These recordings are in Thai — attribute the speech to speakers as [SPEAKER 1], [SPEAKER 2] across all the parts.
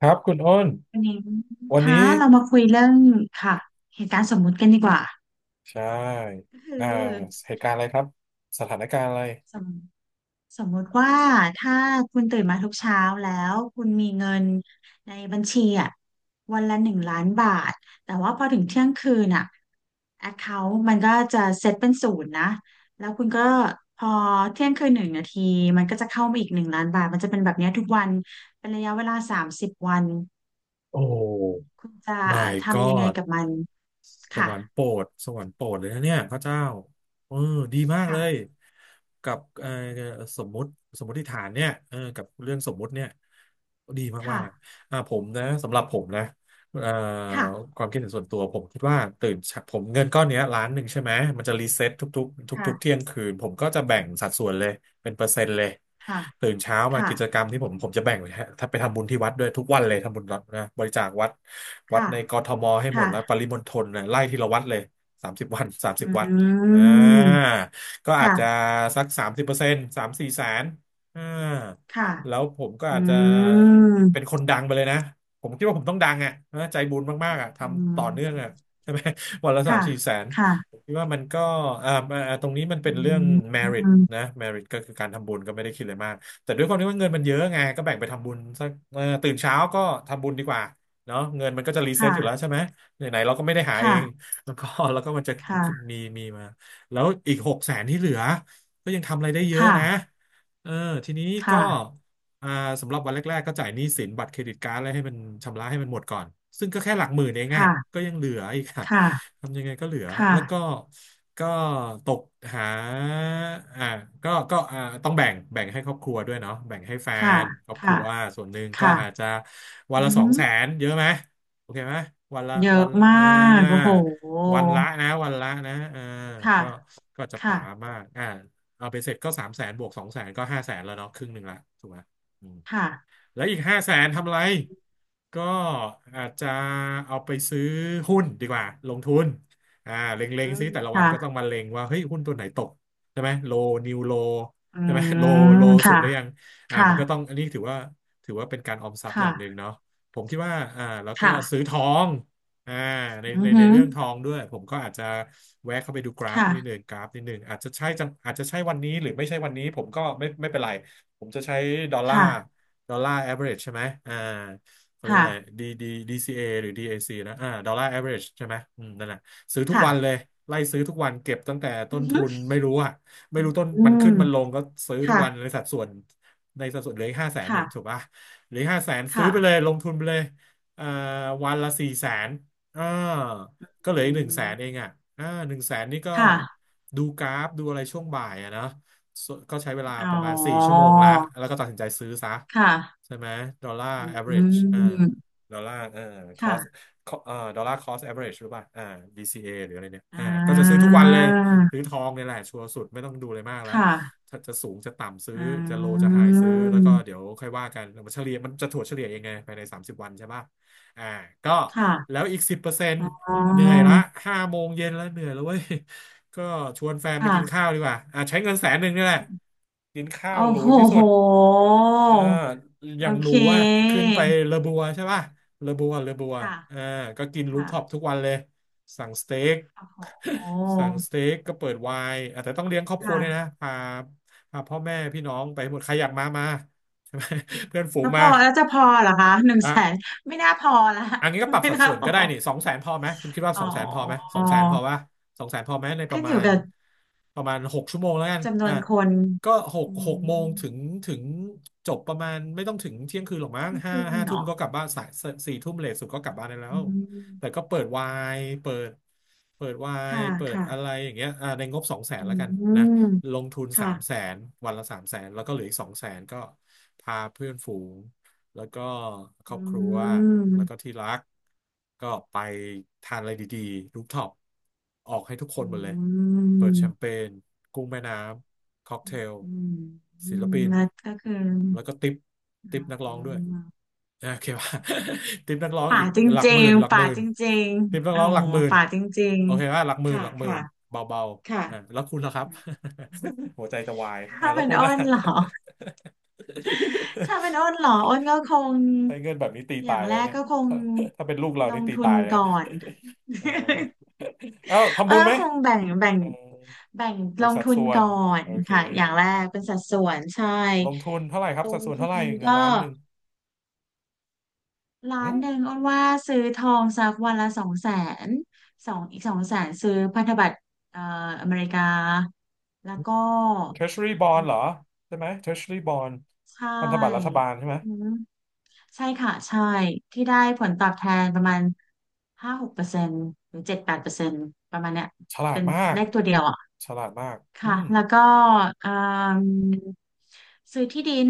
[SPEAKER 1] ครับคุณอ้น
[SPEAKER 2] วันนี้
[SPEAKER 1] วัน
[SPEAKER 2] คะ
[SPEAKER 1] นี้
[SPEAKER 2] เรามาคุยเรื่องค่ะเหตุการณ์สมมุติกันดีกว่า
[SPEAKER 1] ใช่
[SPEAKER 2] ก็คือ
[SPEAKER 1] อ่าเหตุการณ์อะไรครับสถานการณ์อะไร
[SPEAKER 2] สมสมมุติว่าถ้าคุณตื่นมาทุกเช้าแล้วคุณมีเงินในบัญชีอ่ะวันละหนึ่งล้านบาทแต่ว่าพอถึงเที่ยงคืนอ่ะแอคเคาท์มันก็จะเซตเป็นศูนย์นะแล้วคุณก็พอเที่ยงคืนหนึ่งนาทีมันก็จะเข้ามาอีกหนึ่งล้านบาทมันจะเป็นแบบเนี้ยทุกวันเป็นระยะเวลาสามสิบวัน
[SPEAKER 1] โอ้
[SPEAKER 2] คุณจะ
[SPEAKER 1] my
[SPEAKER 2] ทำยังไง
[SPEAKER 1] god
[SPEAKER 2] กับมัน
[SPEAKER 1] ส
[SPEAKER 2] ค่ะ
[SPEAKER 1] วรรค์โปรดสวรรค์โปรดเลยนะเนี่ยพระเจ้าเออดีมากเลย
[SPEAKER 2] ค่ะ
[SPEAKER 1] กับสมมุติสมมติฐานเนี่ยเออกับเรื่องสมมุติเนี่ยดีมา
[SPEAKER 2] ค่ะ
[SPEAKER 1] กๆอ่าผมนะสำหรับผมนะเอ่อ
[SPEAKER 2] ค่ะ
[SPEAKER 1] ความคิดเห็นส่วนตัวผมคิดว่าตื่นเช้าผมเงินก้อนเนี้ยล้านหนึ่งใช่ไหมมันจะรีเซ็ตทุกๆทุกๆเที่
[SPEAKER 2] ค่ะ
[SPEAKER 1] ยงคืนผมก็จะแบ่งสัดส่วนเลย เป็นเปอร์เซ็นต์เลย
[SPEAKER 2] ค่ะ
[SPEAKER 1] ตื่นเช้ามา
[SPEAKER 2] ค่ะ
[SPEAKER 1] กิจกรรมที่ผมจะแบ่งไว้ฮะถ้าไปทำบุญที่วัดด้วยทุกวันเลยทำบุญวัดนะบริจาควัดวัด
[SPEAKER 2] ค่ะ
[SPEAKER 1] ในกทมให้หมด
[SPEAKER 2] ค่ะ
[SPEAKER 1] แล้วปริมณฑลนะไล่ทีละวัดเลยสามสิบวันสามสิ
[SPEAKER 2] อ
[SPEAKER 1] บวัด
[SPEAKER 2] ื
[SPEAKER 1] อ่า
[SPEAKER 2] ม
[SPEAKER 1] ก็อาจ
[SPEAKER 2] ค่ะ
[SPEAKER 1] จะสักสามสิบเปอร์เซ็นต์สามสี่แสนอ่า
[SPEAKER 2] ค่ะ
[SPEAKER 1] แล้วผมก็
[SPEAKER 2] อื
[SPEAKER 1] อาจจะ
[SPEAKER 2] ม
[SPEAKER 1] เป็นคนดังไปเลยนะผมคิดว่าผมต้องดังอ่ะเออใจบุญมากๆอ่ะท
[SPEAKER 2] อื
[SPEAKER 1] ำต่อเนื่องอ่ะ
[SPEAKER 2] ม
[SPEAKER 1] ใช่ไหม วันละสาม
[SPEAKER 2] ค่ะ
[SPEAKER 1] สี่แสน ผ
[SPEAKER 2] ค่ะ
[SPEAKER 1] มคิดว่ามันก็ตรงนี้มันเป็
[SPEAKER 2] อื
[SPEAKER 1] นเรื่อง
[SPEAKER 2] ม
[SPEAKER 1] merit นะ merit ก็คือการทำบุญก็ไม่ได้คิดอะไรมากแต่ด้วยความที่ว่าเงินมันเยอะไงก็แบ่งไปทำบุญสักตื่นเช้าก็ทำบุญดีกว่าเนาะเงินมันก็จะรีเซ็ตอยู่แล้ว
[SPEAKER 2] ค่ะ
[SPEAKER 1] ใช่ไหมไหนๆเราก็ไม่ได้หาเอง
[SPEAKER 2] ค่ะ
[SPEAKER 1] แล้วก็แล้วก็มันจะ
[SPEAKER 2] ค่ะ
[SPEAKER 1] มีมาแล้วอีกหกแสนที่เหลือก็ยังทำอะไรได้เยอะ
[SPEAKER 2] ค่ะ
[SPEAKER 1] นะเออทีนี้ก็อ่าสำหรับวันแรกๆก็จ่ายหนี้สินบัตรเครดิตการ์ดอะไรให้มันชำระให้มันหมดก่อนซึ่งก็แค่หลักหมื่นเองอ่ะ
[SPEAKER 2] ค่ะ
[SPEAKER 1] ก็ยังเหลืออีกค่ะ
[SPEAKER 2] ค่ะ
[SPEAKER 1] ทำยังไงก็เหลือ
[SPEAKER 2] ค่ะ
[SPEAKER 1] แล้วก็ก็ตกหาอ่าก็อ่าต้องแบ่งให้ครอบครัวด้วยเนาะแบ่งให้แฟ
[SPEAKER 2] ค่ะ
[SPEAKER 1] นครอบครั
[SPEAKER 2] ค่ะ
[SPEAKER 1] วส่วนหนึ่งก็
[SPEAKER 2] ค่ะ
[SPEAKER 1] อาจจะ
[SPEAKER 2] ค่ะ
[SPEAKER 1] วัน
[SPEAKER 2] อื
[SPEAKER 1] ละ
[SPEAKER 2] อ
[SPEAKER 1] สอ
[SPEAKER 2] หื
[SPEAKER 1] ง
[SPEAKER 2] อ
[SPEAKER 1] แสนเยอะไหม โอเคไหม วันละ
[SPEAKER 2] เย
[SPEAKER 1] วั
[SPEAKER 2] อะ
[SPEAKER 1] น
[SPEAKER 2] มา
[SPEAKER 1] อ่า
[SPEAKER 2] กโอ้โห
[SPEAKER 1] วันละนะอ่า
[SPEAKER 2] ค่ะ
[SPEAKER 1] ก็ก็จะ
[SPEAKER 2] ค่ะ
[SPEAKER 1] ป๋ามากอ่าเอาไปเสร็จก็สามแสนบวกสองแสนก็ห้าแสนแล้วเนาะครึ่งหนึ่งละถูกไหมอืม
[SPEAKER 2] ค่ะ
[SPEAKER 1] แล้วอีกห้าแสนทำอะไรก็อาจจะเอาไปซื้อหุ้นดีกว่าลงทุนอ่าเล็
[SPEAKER 2] อื
[SPEAKER 1] งๆ
[SPEAKER 2] ม
[SPEAKER 1] ซิแต่ละวันก็ต้อง
[SPEAKER 2] ค่ะ
[SPEAKER 1] มาเล็งว่าเฮ้ยหุ้นตัวไหนตกใช่ไหมโลนิวโล
[SPEAKER 2] อื
[SPEAKER 1] ใช่ไหมโลโล
[SPEAKER 2] ม
[SPEAKER 1] สุด
[SPEAKER 2] ค่ะ
[SPEAKER 1] หรือยังอ่า
[SPEAKER 2] ค่ะ
[SPEAKER 1] มันก็ต้องอันนี้ถือว่าถือว่าเป็นการออมทรัพย์อย่างหนึ่ง
[SPEAKER 2] ค่ะ
[SPEAKER 1] เนาะผมคิดว่าอ่าแล้วก็ซื้อ
[SPEAKER 2] ค่ะ
[SPEAKER 1] ทองอ่า
[SPEAKER 2] อือ
[SPEAKER 1] ใน
[SPEAKER 2] หือ
[SPEAKER 1] เรื่องทองด้วยผมก็อาจจะแวะเข้าไปดู
[SPEAKER 2] ค่ะ
[SPEAKER 1] กราฟนิดหนึ่งอาจจะใช่จังอาจจะใช่วันนี้หรือไม่ใช่วันนี้ผมก็ไม่เป็นไรผมจะใช้ดอลลาร์
[SPEAKER 2] ค่ะ
[SPEAKER 1] ดอลลาร์ average ใช่ไหมอ่าเขาเรียกว่าอะไร
[SPEAKER 2] ค่ะ
[SPEAKER 1] D ดีซีเอหรือดีเอซีนะอ่าดอลลาร์ average ใช่ไหมอืมนั่นแหละซื้อทุก
[SPEAKER 2] ค่ะ
[SPEAKER 1] วันเลยไล่ซื้อทุกวันเก็บตั้งแต่ต้
[SPEAKER 2] อื
[SPEAKER 1] น
[SPEAKER 2] อฮึ
[SPEAKER 1] ทุนไม่รู้อะไม่รู้ต้น
[SPEAKER 2] อื
[SPEAKER 1] มันขึ้
[SPEAKER 2] ม
[SPEAKER 1] นมันลงก็ซื้อทุกวัน
[SPEAKER 2] ค่ะ
[SPEAKER 1] ในสัดส่วนเหลืออีกห้าแสนอีกถู
[SPEAKER 2] ค่ะ
[SPEAKER 1] กป่ะเหลือห้าแสนซื้อ
[SPEAKER 2] ค่ะ
[SPEAKER 1] ไปเลยลงทุนไปเลยอ่าวันละสี่แสนอ่าก็
[SPEAKER 2] อื
[SPEAKER 1] เหลืออีกหนึ่งแสนเอง
[SPEAKER 2] ม
[SPEAKER 1] อะอ่าหนึ่งแสนนี่ก็
[SPEAKER 2] ค่ะ
[SPEAKER 1] ดูกราฟดูอะไรช่วงบ่ายอะนะ ส่วนก็ใช้เวลา
[SPEAKER 2] อ๋อ
[SPEAKER 1] ประมาณสี่ชั่วโมงละแล้วก็ตัดสินใจซื้อซะ
[SPEAKER 2] ค่ะ
[SPEAKER 1] ใช่ไหมดอลลาร์
[SPEAKER 2] อื
[SPEAKER 1] average อ่า
[SPEAKER 2] ม
[SPEAKER 1] ดอลลาร์cost
[SPEAKER 2] ค่ะ
[SPEAKER 1] ดอลลาร์ cost average หรือเปล่าอ่าดี c a หรืออะไรเนี่ย
[SPEAKER 2] อ่
[SPEAKER 1] อ่าก็จะซื้อ
[SPEAKER 2] า
[SPEAKER 1] ทุกวันเลยซื้อทองเนี่ยแหละชัวร์สุดไม่ต้องดูอะไรมากแล้
[SPEAKER 2] ค
[SPEAKER 1] ว
[SPEAKER 2] ่ะ
[SPEAKER 1] ถ้าจะสูงจะต่ำซื้อ
[SPEAKER 2] อ
[SPEAKER 1] จะโล
[SPEAKER 2] ื
[SPEAKER 1] จะไฮซื้อแล้วก็เดี๋
[SPEAKER 2] ม
[SPEAKER 1] ยวค่อยว่ากันมันเฉลี่ยมันจะถั่วเฉลี่ยเองไงภายใน30วันใช่ป่ะอ่าก็
[SPEAKER 2] ค่ะ
[SPEAKER 1] แล้วอีกสิบเปอร์เซ็นต์
[SPEAKER 2] อ๋อ
[SPEAKER 1] เหนื่อยละห้าโมงเย็นแล้วเหนื่อยแล้วเว้ย ก็ชวนแฟนไปกิน
[SPEAKER 2] ค่ะ
[SPEAKER 1] ข้าวดีกว่าอ่ะใช้เงินแสนหนึ่งนี่แหละ กินข้าว
[SPEAKER 2] โอ้
[SPEAKER 1] หรู
[SPEAKER 2] โห
[SPEAKER 1] ที่สุ
[SPEAKER 2] โห
[SPEAKER 1] ดเอออย่า
[SPEAKER 2] โอ
[SPEAKER 1] งหรู
[SPEAKER 2] เค
[SPEAKER 1] อ่ะขึ้นไปเลอบัวใช่ป่ะเลอบัว
[SPEAKER 2] ค่ะ
[SPEAKER 1] อ่าก็กินรูฟ
[SPEAKER 2] ค่ะ
[SPEAKER 1] ท็อปทุกวันเลย สั่งสเต็ก
[SPEAKER 2] โอ้โห
[SPEAKER 1] สั่งสเต็กก็เปิดไวน์อ่ะแต่ต้องเลี้ยงครอบครัว
[SPEAKER 2] ค่ะ
[SPEAKER 1] ด้วยนะพาพ่อแม่พี่น้องไปหมดใครอยากมามาใช่ไหม เพื่อนฝู
[SPEAKER 2] แล้
[SPEAKER 1] ง
[SPEAKER 2] วพ
[SPEAKER 1] มา
[SPEAKER 2] อแล้วจะพอเหรอคะหนึ่ง
[SPEAKER 1] อ่ะ
[SPEAKER 2] แสนไม่น่าพอละ
[SPEAKER 1] อันนี้ก็ปรับ
[SPEAKER 2] ไม่
[SPEAKER 1] สัด
[SPEAKER 2] น่า
[SPEAKER 1] ส่วน
[SPEAKER 2] พอ
[SPEAKER 1] ก็ได้นี่สองแสนพอไหมคุณคิดว่า
[SPEAKER 2] อ๋
[SPEAKER 1] ส
[SPEAKER 2] อ
[SPEAKER 1] องแสนพอไหมสองแสนพอว่ะสองแสนพอไหมในป
[SPEAKER 2] ขึ้
[SPEAKER 1] ระ
[SPEAKER 2] นอ
[SPEAKER 1] มา
[SPEAKER 2] ยู่
[SPEAKER 1] ณ
[SPEAKER 2] กับ
[SPEAKER 1] ประมาณหกชั่วโมงแล้วกัน
[SPEAKER 2] จำนว
[SPEAKER 1] อ่ะ
[SPEAKER 2] นคน
[SPEAKER 1] ก็หก
[SPEAKER 2] อื
[SPEAKER 1] หกโม
[SPEAKER 2] ม
[SPEAKER 1] งถึงถึงจบประมาณไม่ต้องถึงเที่ยงคืนหรอกมั้
[SPEAKER 2] เที่
[SPEAKER 1] ง
[SPEAKER 2] ยง
[SPEAKER 1] ห้า
[SPEAKER 2] คืน
[SPEAKER 1] ห้าทุ่ม
[SPEAKER 2] เนาะ
[SPEAKER 1] ก็กลับบ้านสายสี่ทุ่มเลทสุดก็กลับบ้านได้แล้
[SPEAKER 2] อื
[SPEAKER 1] วแต่
[SPEAKER 2] ม
[SPEAKER 1] ก็เปิดไวน์เปิดเปิดไวน์
[SPEAKER 2] ค่ะ
[SPEAKER 1] เปิด
[SPEAKER 2] ค่ะ
[SPEAKER 1] อะไรอย่างเงี้ยอ่ะในงบสองแสน
[SPEAKER 2] อื
[SPEAKER 1] แล้วกันนะล
[SPEAKER 2] ม
[SPEAKER 1] งทุนสา
[SPEAKER 2] ค่ะ
[SPEAKER 1] มแสนวันละสามแสนแล้วก็เหลืออีกสองแสนก็พาเพื่อนฝูง แล้วก็คร
[SPEAKER 2] อื
[SPEAKER 1] อบครัว
[SPEAKER 2] ม
[SPEAKER 1] แล้วก็ที่รักก็ไปทานอะไรดีๆรูฟท็อปออกให้ทุกค
[SPEAKER 2] อื
[SPEAKER 1] นหมดเลยเปิดแชมเป
[SPEAKER 2] ม
[SPEAKER 1] ญกุ้งแม่น้ำค็อก
[SPEAKER 2] อ
[SPEAKER 1] เทล
[SPEAKER 2] ืมอื
[SPEAKER 1] ศิล
[SPEAKER 2] ม
[SPEAKER 1] ปิน
[SPEAKER 2] แล้วก็คือ
[SPEAKER 1] แล้วก็ติปติปนักร้อ
[SPEAKER 2] อ๋
[SPEAKER 1] ง
[SPEAKER 2] อ
[SPEAKER 1] ด้วยอโอเคป่ะ ติปนักร้อง
[SPEAKER 2] ป่า
[SPEAKER 1] อีก
[SPEAKER 2] จ
[SPEAKER 1] หลักห
[SPEAKER 2] ริ
[SPEAKER 1] มื่
[SPEAKER 2] ง
[SPEAKER 1] นหลัก
[SPEAKER 2] ๆ
[SPEAKER 1] ห
[SPEAKER 2] ป่า
[SPEAKER 1] มื่น
[SPEAKER 2] จริง
[SPEAKER 1] ติปนั
[SPEAKER 2] ๆ
[SPEAKER 1] ก
[SPEAKER 2] อ๋อ
[SPEAKER 1] ร้องหลักหมื่น
[SPEAKER 2] ป่าจริง
[SPEAKER 1] โอเคป่ะหลักห
[SPEAKER 2] ๆ
[SPEAKER 1] มื่นห
[SPEAKER 2] ค่ะ
[SPEAKER 1] ลักหมื่น
[SPEAKER 2] ค่ะ
[SPEAKER 1] เบา
[SPEAKER 2] ค่ะ
[SPEAKER 1] ๆอ่าแล้วคุณล่ะครับ หัวใจจะวายอ่า
[SPEAKER 2] ถ้า
[SPEAKER 1] แล้ว
[SPEAKER 2] เป็น
[SPEAKER 1] คุณ
[SPEAKER 2] อ้
[SPEAKER 1] ล่ะ
[SPEAKER 2] นเหรอ ถ้าเป็นอ้ นเหรออ้นก็คง
[SPEAKER 1] ใช้เงินแบบนี้ตี
[SPEAKER 2] อ
[SPEAKER 1] ตา
[SPEAKER 2] ย่า
[SPEAKER 1] ย
[SPEAKER 2] ง
[SPEAKER 1] เล
[SPEAKER 2] แร
[SPEAKER 1] ย
[SPEAKER 2] ก
[SPEAKER 1] เนี่ย
[SPEAKER 2] ก็คง
[SPEAKER 1] ถ้าถ้าเป็นลูกเรา
[SPEAKER 2] ล
[SPEAKER 1] นี่
[SPEAKER 2] ง
[SPEAKER 1] ตี
[SPEAKER 2] ทุ
[SPEAKER 1] ตา
[SPEAKER 2] น
[SPEAKER 1] ยเลย
[SPEAKER 2] ก่อน
[SPEAKER 1] อ๋อ เอ้าทำ
[SPEAKER 2] เออ
[SPEAKER 1] บุญไหม
[SPEAKER 2] คงแบ่ง
[SPEAKER 1] เออ
[SPEAKER 2] แบ่ง
[SPEAKER 1] บ
[SPEAKER 2] ล
[SPEAKER 1] ริ
[SPEAKER 2] ง
[SPEAKER 1] ษัท
[SPEAKER 2] ทุน
[SPEAKER 1] ส่วน
[SPEAKER 2] ก่อน
[SPEAKER 1] โอเค
[SPEAKER 2] ค่ะอย่างแรกเป็นสัดส่วนใช่
[SPEAKER 1] ลงทุนเท่าไหร่ครับ
[SPEAKER 2] ล
[SPEAKER 1] สัด
[SPEAKER 2] ง
[SPEAKER 1] ส่วน
[SPEAKER 2] ทุ
[SPEAKER 1] เท่าไหร่
[SPEAKER 2] น
[SPEAKER 1] เงิน
[SPEAKER 2] ก็
[SPEAKER 1] ล้านหนึ่ง
[SPEAKER 2] ล้า
[SPEAKER 1] หื
[SPEAKER 2] น
[SPEAKER 1] ม
[SPEAKER 2] หนึ่งอ้นว่าซื้อทองสักวันละสองแสนสองอีกสองแสนซื้อพันธบัตรเอ่ออเมริกาแล้วก็
[SPEAKER 1] Treasury Bond เหรอใช่ไหม Treasury Bond
[SPEAKER 2] ใช
[SPEAKER 1] พันธบัตรรัฐ
[SPEAKER 2] ่
[SPEAKER 1] บาลใช่ไหม
[SPEAKER 2] อืม ใช่ค่ะใช่ที่ได้ผลตอบแทนประมาณ5-6%หรือ7-8%ประมาณเนี้ย
[SPEAKER 1] ฉลา
[SPEAKER 2] เป็
[SPEAKER 1] ด
[SPEAKER 2] น
[SPEAKER 1] มาก
[SPEAKER 2] เลขตัวเดียวอ่ะ
[SPEAKER 1] ฉลาดมากอื
[SPEAKER 2] ค่ะ
[SPEAKER 1] ม
[SPEAKER 2] แล้วก็เอิ่มซื้อที่ดิน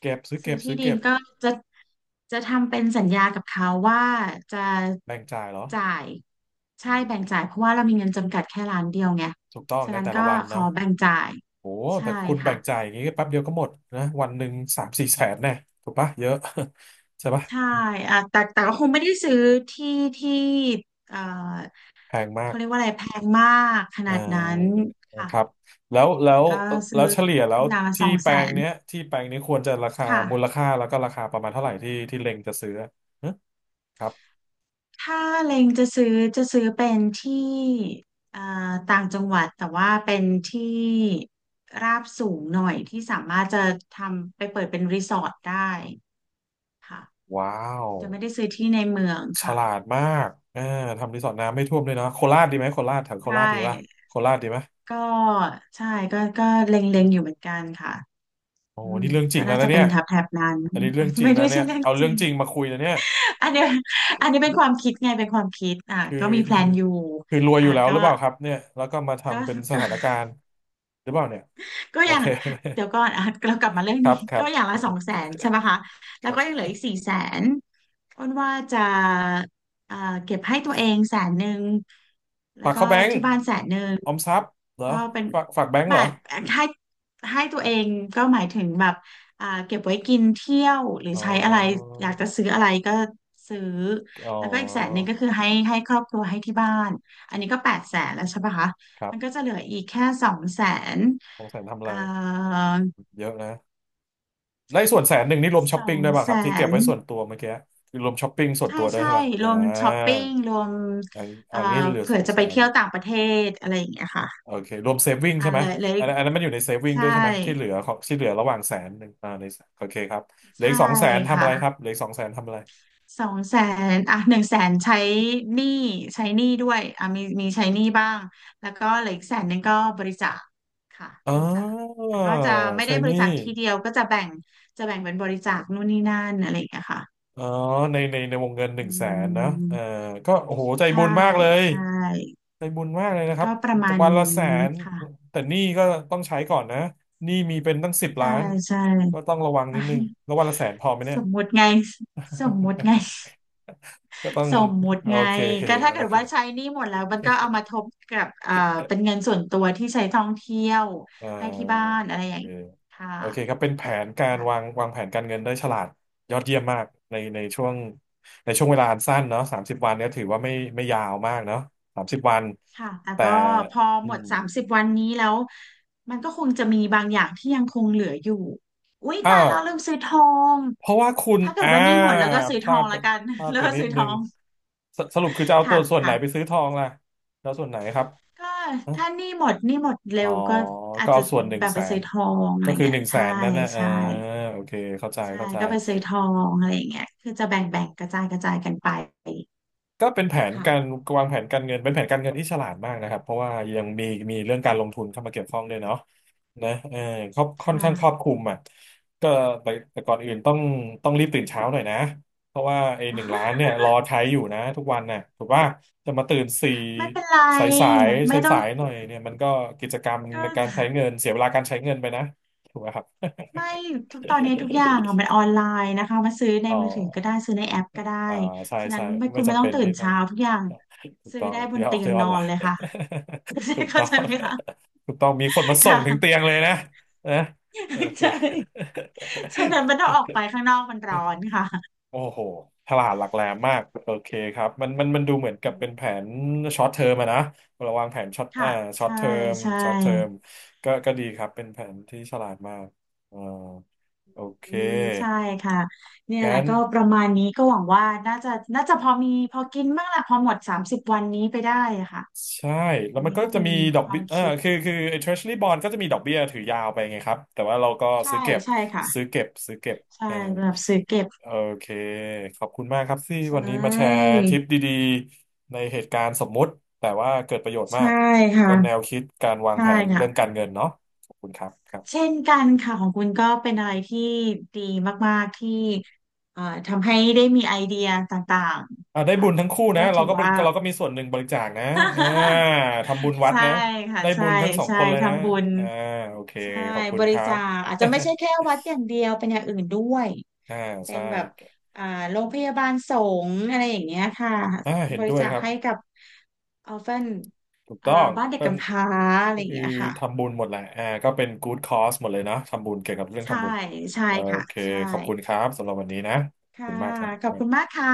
[SPEAKER 1] เก็บซื้อ
[SPEAKER 2] ซื้
[SPEAKER 1] เก็
[SPEAKER 2] อ
[SPEAKER 1] บ
[SPEAKER 2] ที่
[SPEAKER 1] ซื้อ
[SPEAKER 2] ดิ
[SPEAKER 1] เก็
[SPEAKER 2] น
[SPEAKER 1] บ
[SPEAKER 2] ก็จะทำเป็นสัญญากับเขาว่าจะ
[SPEAKER 1] แบ่งจ่ายเหรอ
[SPEAKER 2] จ่ายใช่
[SPEAKER 1] อื
[SPEAKER 2] แบ่ง
[SPEAKER 1] ม
[SPEAKER 2] จ่ายเพราะว่าเรามีเงินจำกัดแค่ล้านเดียวไง
[SPEAKER 1] ถูกต้อง
[SPEAKER 2] ฉะ
[SPEAKER 1] ใน
[SPEAKER 2] นั้น
[SPEAKER 1] แต่
[SPEAKER 2] ก็
[SPEAKER 1] ละวัน
[SPEAKER 2] ข
[SPEAKER 1] เนาะ
[SPEAKER 2] อแบ่งจ่าย
[SPEAKER 1] โอ้
[SPEAKER 2] ใช่
[SPEAKER 1] แต่คุณแบ่
[SPEAKER 2] ค่ะ
[SPEAKER 1] งจ่ายอย่างนี้แป๊บเดียวก็หมดนะวันหนึ่งสามสี่แสนแน่ถูกปะเยอะ ใช่ปะ
[SPEAKER 2] ใช่อ่ะแต่ก็คงไม่ได้ซื้อที่ที่เอ่อ
[SPEAKER 1] แพงมา
[SPEAKER 2] เขา
[SPEAKER 1] ก
[SPEAKER 2] เรียกว่าอะไรแพงมากข
[SPEAKER 1] อ่
[SPEAKER 2] นาดนั้น
[SPEAKER 1] า
[SPEAKER 2] ค่ะ
[SPEAKER 1] ครับแล้วแล้
[SPEAKER 2] แต่
[SPEAKER 1] ว
[SPEAKER 2] ก็
[SPEAKER 1] แล้
[SPEAKER 2] ซื้
[SPEAKER 1] ว
[SPEAKER 2] อ
[SPEAKER 1] เฉลี่ยแล้ว
[SPEAKER 2] อย่างละส
[SPEAKER 1] ที่
[SPEAKER 2] อง
[SPEAKER 1] แป
[SPEAKER 2] แส
[SPEAKER 1] ลง
[SPEAKER 2] น
[SPEAKER 1] เนี้ยที่แปลงนี้ควรจะราคา
[SPEAKER 2] ค่ะ
[SPEAKER 1] มูลค่าแล้วก็ราคาประมาณเท่าไหร่ที่ที่เล็งจะซื้อฮะครับ
[SPEAKER 2] ถ้าเล็งจะซื้อจะซื้อเป็นที่เอ่อต่างจังหวัดแต่ว่าเป็นที่ราบสูงหน่อยที่สามารถจะทำไปเปิดเป็นรีสอร์ทได้ค่ะ
[SPEAKER 1] ว้าว
[SPEAKER 2] จะไม่ได้ซื้อที่ในเมือง
[SPEAKER 1] ฉ
[SPEAKER 2] ค่ะ
[SPEAKER 1] ลาดมากอ่าทำรีสอร์ทน้ำไม่ท่วมด้วยนะโคราชดีไหมโคราชแถวโค
[SPEAKER 2] ใช่
[SPEAKER 1] ราชดีปะโคราชดีไหม
[SPEAKER 2] ก็ใช่ก็ก็เล็งๆอยู่เหมือนกันค่ะ
[SPEAKER 1] โอ้
[SPEAKER 2] อื
[SPEAKER 1] โห
[SPEAKER 2] ม
[SPEAKER 1] นี่เรื่องจ
[SPEAKER 2] ก็
[SPEAKER 1] ริงแล้
[SPEAKER 2] น่า
[SPEAKER 1] ว
[SPEAKER 2] จะ
[SPEAKER 1] นะ
[SPEAKER 2] เป็
[SPEAKER 1] เนี่
[SPEAKER 2] น
[SPEAKER 1] ย
[SPEAKER 2] แถบแถบนั้น
[SPEAKER 1] อันนี้เรื่องจ ริ
[SPEAKER 2] ไม่
[SPEAKER 1] งแล้
[SPEAKER 2] ได้
[SPEAKER 1] ว
[SPEAKER 2] ใช่
[SPEAKER 1] เนี่ย
[SPEAKER 2] เรื่อง
[SPEAKER 1] เอา
[SPEAKER 2] จ
[SPEAKER 1] เรื่อ
[SPEAKER 2] ริ
[SPEAKER 1] ง
[SPEAKER 2] ง
[SPEAKER 1] จริงมาคุยนะเนี่ย
[SPEAKER 2] อันเนี้ยอันนี้เป็นความคิดไงเป็นความคิดอ่ะ
[SPEAKER 1] คือ
[SPEAKER 2] ก็มีแพลนอยู่
[SPEAKER 1] คือรวยอ
[SPEAKER 2] อ่ะ
[SPEAKER 1] ยู่แล้ว
[SPEAKER 2] ก็
[SPEAKER 1] หรือเปล่าครับเนี่ยแล้วก็มา
[SPEAKER 2] ก็
[SPEAKER 1] ทำเป็นส
[SPEAKER 2] ก็
[SPEAKER 1] ถานการ ณ์หรือเปล่าเนี่ย
[SPEAKER 2] ก็
[SPEAKER 1] โอ
[SPEAKER 2] อย่าง
[SPEAKER 1] เค
[SPEAKER 2] เดี๋ยวก่อนอ่ะเรากลับมา เรื่อง
[SPEAKER 1] ครั
[SPEAKER 2] นี้
[SPEAKER 1] บค รั
[SPEAKER 2] ก็
[SPEAKER 1] บ
[SPEAKER 2] อย่างละ200,000ใช่ไหมคะแล้
[SPEAKER 1] ค
[SPEAKER 2] ว
[SPEAKER 1] รั
[SPEAKER 2] ก็ยังเหลื
[SPEAKER 1] บ
[SPEAKER 2] ออีก400,000อ้นว่าจะเอ่อเก็บให้ตัวเองแสนหนึ่งแล้ว
[SPEAKER 1] ฝาก
[SPEAKER 2] ก็
[SPEAKER 1] เข้าแบงก์
[SPEAKER 2] ที่บ้านแสนหนึ่ง
[SPEAKER 1] ออมทรัพย์เหรอ
[SPEAKER 2] ก็เป็น
[SPEAKER 1] ฝากแบงก์
[SPEAKER 2] ห
[SPEAKER 1] เหร
[SPEAKER 2] มา
[SPEAKER 1] อ
[SPEAKER 2] ยให้ให้ตัวเองก็หมายถึงแบบอ่าเก็บไว้กินเที่ยวหรือ
[SPEAKER 1] อ๋อ
[SPEAKER 2] ใช้อะไรอยากจะซื้ออะไรก็ซื้อ
[SPEAKER 1] อ๋อ
[SPEAKER 2] แล้วก็อีกแสนหนึ่งก็คือให้ครอบครัวให้ที่บ้านอันนี้ก็800,000แล้วใช่ปะคะ
[SPEAKER 1] ครับ
[SPEAKER 2] มันก็จะเหลืออีกแค่สองแสน
[SPEAKER 1] สองแสนทำอะ
[SPEAKER 2] เอ่
[SPEAKER 1] ไร
[SPEAKER 2] อ
[SPEAKER 1] เยอะนะในไ้ส่วนแสนหนึ่งนี่รวมช้
[SPEAKER 2] ส
[SPEAKER 1] อป
[SPEAKER 2] อ
[SPEAKER 1] ปิ้ง
[SPEAKER 2] ง
[SPEAKER 1] ด้วยป่ะ
[SPEAKER 2] แส
[SPEAKER 1] ครับที่เก็บ
[SPEAKER 2] น
[SPEAKER 1] ไว้ส่วนตัวเมื่อกี้คือรวมช้อปปิ้งส่วน
[SPEAKER 2] ใช่
[SPEAKER 1] ตัวด้วย
[SPEAKER 2] ใช่
[SPEAKER 1] ใช่ป่ะ
[SPEAKER 2] ร
[SPEAKER 1] อ่า
[SPEAKER 2] วมช้อปปิ้งรวม
[SPEAKER 1] อัน
[SPEAKER 2] เอ่อ
[SPEAKER 1] อันนี้เหลือ
[SPEAKER 2] เผื่
[SPEAKER 1] ส
[SPEAKER 2] อ
[SPEAKER 1] อง
[SPEAKER 2] จะ
[SPEAKER 1] แส
[SPEAKER 2] ไป
[SPEAKER 1] น
[SPEAKER 2] เที่ยวต่างประเทศอะไรอย่างเงี้ยค่ะ
[SPEAKER 1] โอเครวมเซฟวิ่ง
[SPEAKER 2] อ่า
[SPEAKER 1] ใช่ไหม
[SPEAKER 2] เลยเลย
[SPEAKER 1] อันนั้นมันอยู่ในเซฟวิ่ง
[SPEAKER 2] ใช่
[SPEAKER 1] ด้วยใช่ไหมที่เหลือของที่เหลือระหว่างแสนหนึ่งอ่าในโอเคครับเหลือ
[SPEAKER 2] ใช่
[SPEAKER 1] อีกสองแสนทำอะไรครั
[SPEAKER 2] ค่ะ
[SPEAKER 1] บเหลืออีกสองแสนทำอะไร
[SPEAKER 2] สองแสนอ่ะ100,000ใช้หนี้ใช้หนี้ด้วยอ่ะมีใช้หนี้บ้างแล้วก็เหลืออีกแสนหนึ่งก็บริจาคค่ะ
[SPEAKER 1] อ๋
[SPEAKER 2] บ
[SPEAKER 1] อ
[SPEAKER 2] ริจาคแต่ก็จะไม่
[SPEAKER 1] ใช่
[SPEAKER 2] ได้บ
[SPEAKER 1] ห
[SPEAKER 2] ริ
[SPEAKER 1] นี่
[SPEAKER 2] จาคทีเดียวก็จะแบ่งจะแบ่งเป็นบริจาคนู่นนี่นั่นอะไรอย่างเงี้ยค่ะ
[SPEAKER 1] อ๋อในวงเงินห
[SPEAKER 2] อื
[SPEAKER 1] นึ่งแสนนะเออ
[SPEAKER 2] ม
[SPEAKER 1] ก็โอ้โหใจ
[SPEAKER 2] ใช่
[SPEAKER 1] บุญมากเลย
[SPEAKER 2] ใช่
[SPEAKER 1] ใจบุญมากเลยนะครับ
[SPEAKER 2] ก็ประมาณ
[SPEAKER 1] วัน
[SPEAKER 2] นี
[SPEAKER 1] ละแส
[SPEAKER 2] ้
[SPEAKER 1] น
[SPEAKER 2] ค่ะ
[SPEAKER 1] แต่หนี้ก็ต้องใช้ก่อนนะหนี้มีเป็นตั้งสิบ
[SPEAKER 2] ใช่
[SPEAKER 1] ล้าน
[SPEAKER 2] ใช่
[SPEAKER 1] ก็ต้องระวังนิดนึงแล้ววันละแสนพอไหม เนี่
[SPEAKER 2] ส
[SPEAKER 1] ย
[SPEAKER 2] มมุติไงสมมุติไง
[SPEAKER 1] ก็ต้อง
[SPEAKER 2] สมมุติ
[SPEAKER 1] โอ
[SPEAKER 2] ไง
[SPEAKER 1] เค
[SPEAKER 2] ก็ถ้า
[SPEAKER 1] โอ
[SPEAKER 2] เกิด
[SPEAKER 1] เค
[SPEAKER 2] ว่าใช้หนี้หมดแล้วมันก็เอามาทบกับเป็นเงินส่วนตัวที่ใช้ท่องเที่ยว
[SPEAKER 1] อ่า
[SPEAKER 2] ให้ที่บ้านอะไร
[SPEAKER 1] โอ
[SPEAKER 2] อย่า
[SPEAKER 1] เค
[SPEAKER 2] งนี้ค่
[SPEAKER 1] โอเคครับ
[SPEAKER 2] ะ
[SPEAKER 1] เป็นแผนการวา
[SPEAKER 2] ค่ะ
[SPEAKER 1] งวางแผนการเงินได้ฉลาดยอดเยี่ยมมากในช่วงในช่วงเวลาอันสั้นเนาะสามสิบวันเนี่ยถือว่าไม่ยาวมากเนาะสามสิบวัน
[SPEAKER 2] ค่ะแต่
[SPEAKER 1] แต่
[SPEAKER 2] ก็พอ
[SPEAKER 1] อื
[SPEAKER 2] หม
[SPEAKER 1] ม
[SPEAKER 2] ดสามสิบวันนี้แล้วมันก็คงจะมีบางอย่างที่ยังคงเหลืออยู่อุ๊ย
[SPEAKER 1] อ้า
[SPEAKER 2] ตาย
[SPEAKER 1] ว
[SPEAKER 2] แล้วลืมซื้อทอง
[SPEAKER 1] เพราะว่าคุณ
[SPEAKER 2] ถ้าเกิด
[SPEAKER 1] อ่า
[SPEAKER 2] ว่าหนี้หมดแล้วก็ซื้อ
[SPEAKER 1] พ
[SPEAKER 2] ท
[SPEAKER 1] ลา
[SPEAKER 2] อง
[SPEAKER 1] ดไป
[SPEAKER 2] ละกัน
[SPEAKER 1] พลา ด
[SPEAKER 2] แล้ว
[SPEAKER 1] ไป
[SPEAKER 2] ก็
[SPEAKER 1] นิด
[SPEAKER 2] ซื้อท
[SPEAKER 1] นึ
[SPEAKER 2] อ
[SPEAKER 1] ง
[SPEAKER 2] ง
[SPEAKER 1] สสรุปคือจะเอาตั
[SPEAKER 2] ค่ะ
[SPEAKER 1] วส่วนไหนไป
[SPEAKER 2] ค่ะ
[SPEAKER 1] ซื้อทองล่ะแล้วส่วนไหนครับ
[SPEAKER 2] ก็
[SPEAKER 1] อ๋อ
[SPEAKER 2] ถ้าหนี้หมด
[SPEAKER 1] อ๋
[SPEAKER 2] เร็
[SPEAKER 1] อ
[SPEAKER 2] วก็อา
[SPEAKER 1] ก็
[SPEAKER 2] จจะ
[SPEAKER 1] เอาส่วนหนึ่ง
[SPEAKER 2] แบบ
[SPEAKER 1] แส
[SPEAKER 2] ไปซื้
[SPEAKER 1] น
[SPEAKER 2] อทองอะ
[SPEAKER 1] ก็
[SPEAKER 2] ไร
[SPEAKER 1] คือ
[SPEAKER 2] เงี้
[SPEAKER 1] ห
[SPEAKER 2] ย
[SPEAKER 1] นึ่งแสน
[SPEAKER 2] ใช่
[SPEAKER 1] นั่นนะเออ
[SPEAKER 2] ใช่
[SPEAKER 1] โอเคเข้าใจ
[SPEAKER 2] ใช่
[SPEAKER 1] เข้าใจ
[SPEAKER 2] ก็ไปซื้อทองอะไรอย่างเงี้ยคือจะแบ่งกระจายกระจายกันไป
[SPEAKER 1] ก็เป็นแผนการ
[SPEAKER 2] ค่ะ
[SPEAKER 1] วางแผนการเงินเป็นแผนการเงินที่ฉลาดมากนะครับเพราะว่ายังมีมีเรื่องการลงทุนเข้ามาเกี่ยวข้องด้วยเนาะนะเออครอบค่อนข้า
[SPEAKER 2] ค่ะ
[SPEAKER 1] งครอบคลุมอ่ะก็แต่ก่อนอื่นต้องต้องรีบตื่นเช้าหน่อยนะเพราะว่าไอ้หนึ่งล้านเนี่ย รอใช้อยู่นะทุกวันน่ะถูกว่าจะมาตื่นสี่
[SPEAKER 2] ไม่เป็นไร
[SPEAKER 1] สายสาย
[SPEAKER 2] ไม่
[SPEAKER 1] สาย
[SPEAKER 2] ต้อง
[SPEAKER 1] สายๆหน่อยเนี่ยมันก็กิจกรรม
[SPEAKER 2] ก็
[SPEAKER 1] ในการใช้เงินเสียเวลาการใช้เงินไปนะถูกไหมครับ
[SPEAKER 2] ไม่ทุกตอนนี้ทุกอย่างอะมันออนไลน์นะคะมาซื้อใน
[SPEAKER 1] อ๋อ
[SPEAKER 2] มือถือก็ได้ซื้อในแอปก็ได้
[SPEAKER 1] อ่าใช่
[SPEAKER 2] ฉะนั้
[SPEAKER 1] ใช่
[SPEAKER 2] นไม่
[SPEAKER 1] ไม่
[SPEAKER 2] คุณไม่
[SPEAKER 1] จำ
[SPEAKER 2] ต้อ
[SPEAKER 1] เป็
[SPEAKER 2] ง
[SPEAKER 1] น
[SPEAKER 2] ตื่
[SPEAKER 1] ที่
[SPEAKER 2] น
[SPEAKER 1] ต้อง
[SPEAKER 2] เช้าทุกอย่าง
[SPEAKER 1] ถูก
[SPEAKER 2] ซื้อ
[SPEAKER 1] ต้อง
[SPEAKER 2] ได้บ
[SPEAKER 1] ที่
[SPEAKER 2] น
[SPEAKER 1] ออน
[SPEAKER 2] เตียง
[SPEAKER 1] ที่อ
[SPEAKER 2] น
[SPEAKER 1] อน
[SPEAKER 2] อ
[SPEAKER 1] ไล
[SPEAKER 2] นเล
[SPEAKER 1] น์
[SPEAKER 2] ยค่ะ ใช่
[SPEAKER 1] ถูก
[SPEAKER 2] เข้า
[SPEAKER 1] ต้อ
[SPEAKER 2] ใจ
[SPEAKER 1] ง
[SPEAKER 2] ไหมคะ
[SPEAKER 1] ถูกต้องมีคนมาส่ง
[SPEAKER 2] ค่ะ
[SPEAKER 1] ถึงเตียงเลยนะนะโอ เค
[SPEAKER 2] ใช่ฉะนั้นมันต้องออกไปข้างนอกมันร้อนค่ะ
[SPEAKER 1] โอ้โหฉลาดหลักแหลมมากโอเคครับมันดูเหมือนกับเป็นแผนช็อตเทอมอะนะเระวังแผนช็อต
[SPEAKER 2] ค่ะ
[SPEAKER 1] อ่าช็อต
[SPEAKER 2] ใช่
[SPEAKER 1] เทอม
[SPEAKER 2] ใช่
[SPEAKER 1] ช็อตเทอมก็ก็ดีครับเป็นแผนที่ฉลาดมากอ่าโอเค
[SPEAKER 2] อืมใช่ค่ะเนี่ยแหละ
[SPEAKER 1] งั้น
[SPEAKER 2] ก็ประมาณนี้ก็หวังว่าน่าจะน่าจะพอมีพอกินบ้างและพอหมดสามสิบวันนี้ไปได้อะค่ะ
[SPEAKER 1] ใช่แล้
[SPEAKER 2] อั
[SPEAKER 1] ว
[SPEAKER 2] น
[SPEAKER 1] มัน
[SPEAKER 2] นี้
[SPEAKER 1] ก็
[SPEAKER 2] ก็
[SPEAKER 1] จะ
[SPEAKER 2] เป็น
[SPEAKER 1] มีดอ
[SPEAKER 2] ค
[SPEAKER 1] ก
[SPEAKER 2] วา
[SPEAKER 1] เบี้
[SPEAKER 2] ม
[SPEAKER 1] ยเออ
[SPEAKER 2] คิด
[SPEAKER 1] คือไอ้ Treasury Bond ก็จะมีดอกเบี้ยถือยาวไปไงครับแต่ว่าเราก็
[SPEAKER 2] ใช่
[SPEAKER 1] ซื้อเก็บ
[SPEAKER 2] ใช่ค่ะ
[SPEAKER 1] ซื้อเก็บซื้อเก็บ
[SPEAKER 2] ใช่
[SPEAKER 1] เออ
[SPEAKER 2] แบบซื้อเก็บ
[SPEAKER 1] โอเคขอบคุณมากครับที่
[SPEAKER 2] ใช่
[SPEAKER 1] วันนี้มาแชร์ทริปดีๆในเหตุการณ์สมมุติแต่ว่าเกิดประโยชน์มา
[SPEAKER 2] ใช่
[SPEAKER 1] ก
[SPEAKER 2] ค่ะ
[SPEAKER 1] ก็แนวคิดการวาง
[SPEAKER 2] ใช่
[SPEAKER 1] แผน
[SPEAKER 2] ค่ะ
[SPEAKER 1] เรื่องการเงินเนาะขอบคุณครับครับ
[SPEAKER 2] เช่นกันค่ะของคุณก็เป็นอะไรที่ดีมากๆที่ทำให้ได้มีไอเดียต่าง
[SPEAKER 1] อ่า
[SPEAKER 2] ๆ
[SPEAKER 1] ได้
[SPEAKER 2] ค่ะ
[SPEAKER 1] บุญทั้งคู่
[SPEAKER 2] ก็
[SPEAKER 1] นะเรา
[SPEAKER 2] ถือ
[SPEAKER 1] ก็บริ
[SPEAKER 2] ว่า
[SPEAKER 1] เราก็มีส่วนหนึ่งบริจาคนะอ่าทำบุญ วัด
[SPEAKER 2] ใช่
[SPEAKER 1] นะ
[SPEAKER 2] ค่ะ
[SPEAKER 1] ได้บุ
[SPEAKER 2] ใช่
[SPEAKER 1] ญทั้งสอง
[SPEAKER 2] ใช่
[SPEAKER 1] คนเลยนะ
[SPEAKER 2] ทำบุญ
[SPEAKER 1] อ่าโอเค
[SPEAKER 2] ใช่
[SPEAKER 1] ขอบคุ
[SPEAKER 2] บ
[SPEAKER 1] ณค
[SPEAKER 2] ริ
[SPEAKER 1] รั
[SPEAKER 2] จา
[SPEAKER 1] บ
[SPEAKER 2] คอาจจะไม่ใช่แค่ วัดอย่างเดียวเป็นอย่างอื่นด้วย
[SPEAKER 1] อ่า
[SPEAKER 2] เป็
[SPEAKER 1] ใช่
[SPEAKER 2] นแบบอ่าโรงพยาบาลสงฆ์อะไรอย่างเงี้ยค่ะ
[SPEAKER 1] อ่าเห็น
[SPEAKER 2] บ
[SPEAKER 1] ด้
[SPEAKER 2] ริ
[SPEAKER 1] วย
[SPEAKER 2] จาค
[SPEAKER 1] ครับ
[SPEAKER 2] ให้กับออฟเฟน
[SPEAKER 1] ถูก
[SPEAKER 2] อ่า
[SPEAKER 1] ต้อง
[SPEAKER 2] บ้านเด็ก
[SPEAKER 1] ก็
[SPEAKER 2] กำพร้าอะไร
[SPEAKER 1] ก็
[SPEAKER 2] อย่าง
[SPEAKER 1] คือ
[SPEAKER 2] เงี้ยค่ะ
[SPEAKER 1] ทำบุญหมดแหละอ่าก็เป็น good cause หมดเลยนะทำบุญเกี่ยวกับเรื่อง
[SPEAKER 2] ใช่
[SPEAKER 1] ทำบุญ
[SPEAKER 2] ใช่
[SPEAKER 1] โอ
[SPEAKER 2] ค่ะ
[SPEAKER 1] เค
[SPEAKER 2] ใช่
[SPEAKER 1] ขอบคุณครับสำหรับวันนี้นะขอบ
[SPEAKER 2] ค่ะ
[SPEAKER 1] คุณมากครั
[SPEAKER 2] ขอบ
[SPEAKER 1] บ
[SPEAKER 2] คุณมากค่ะ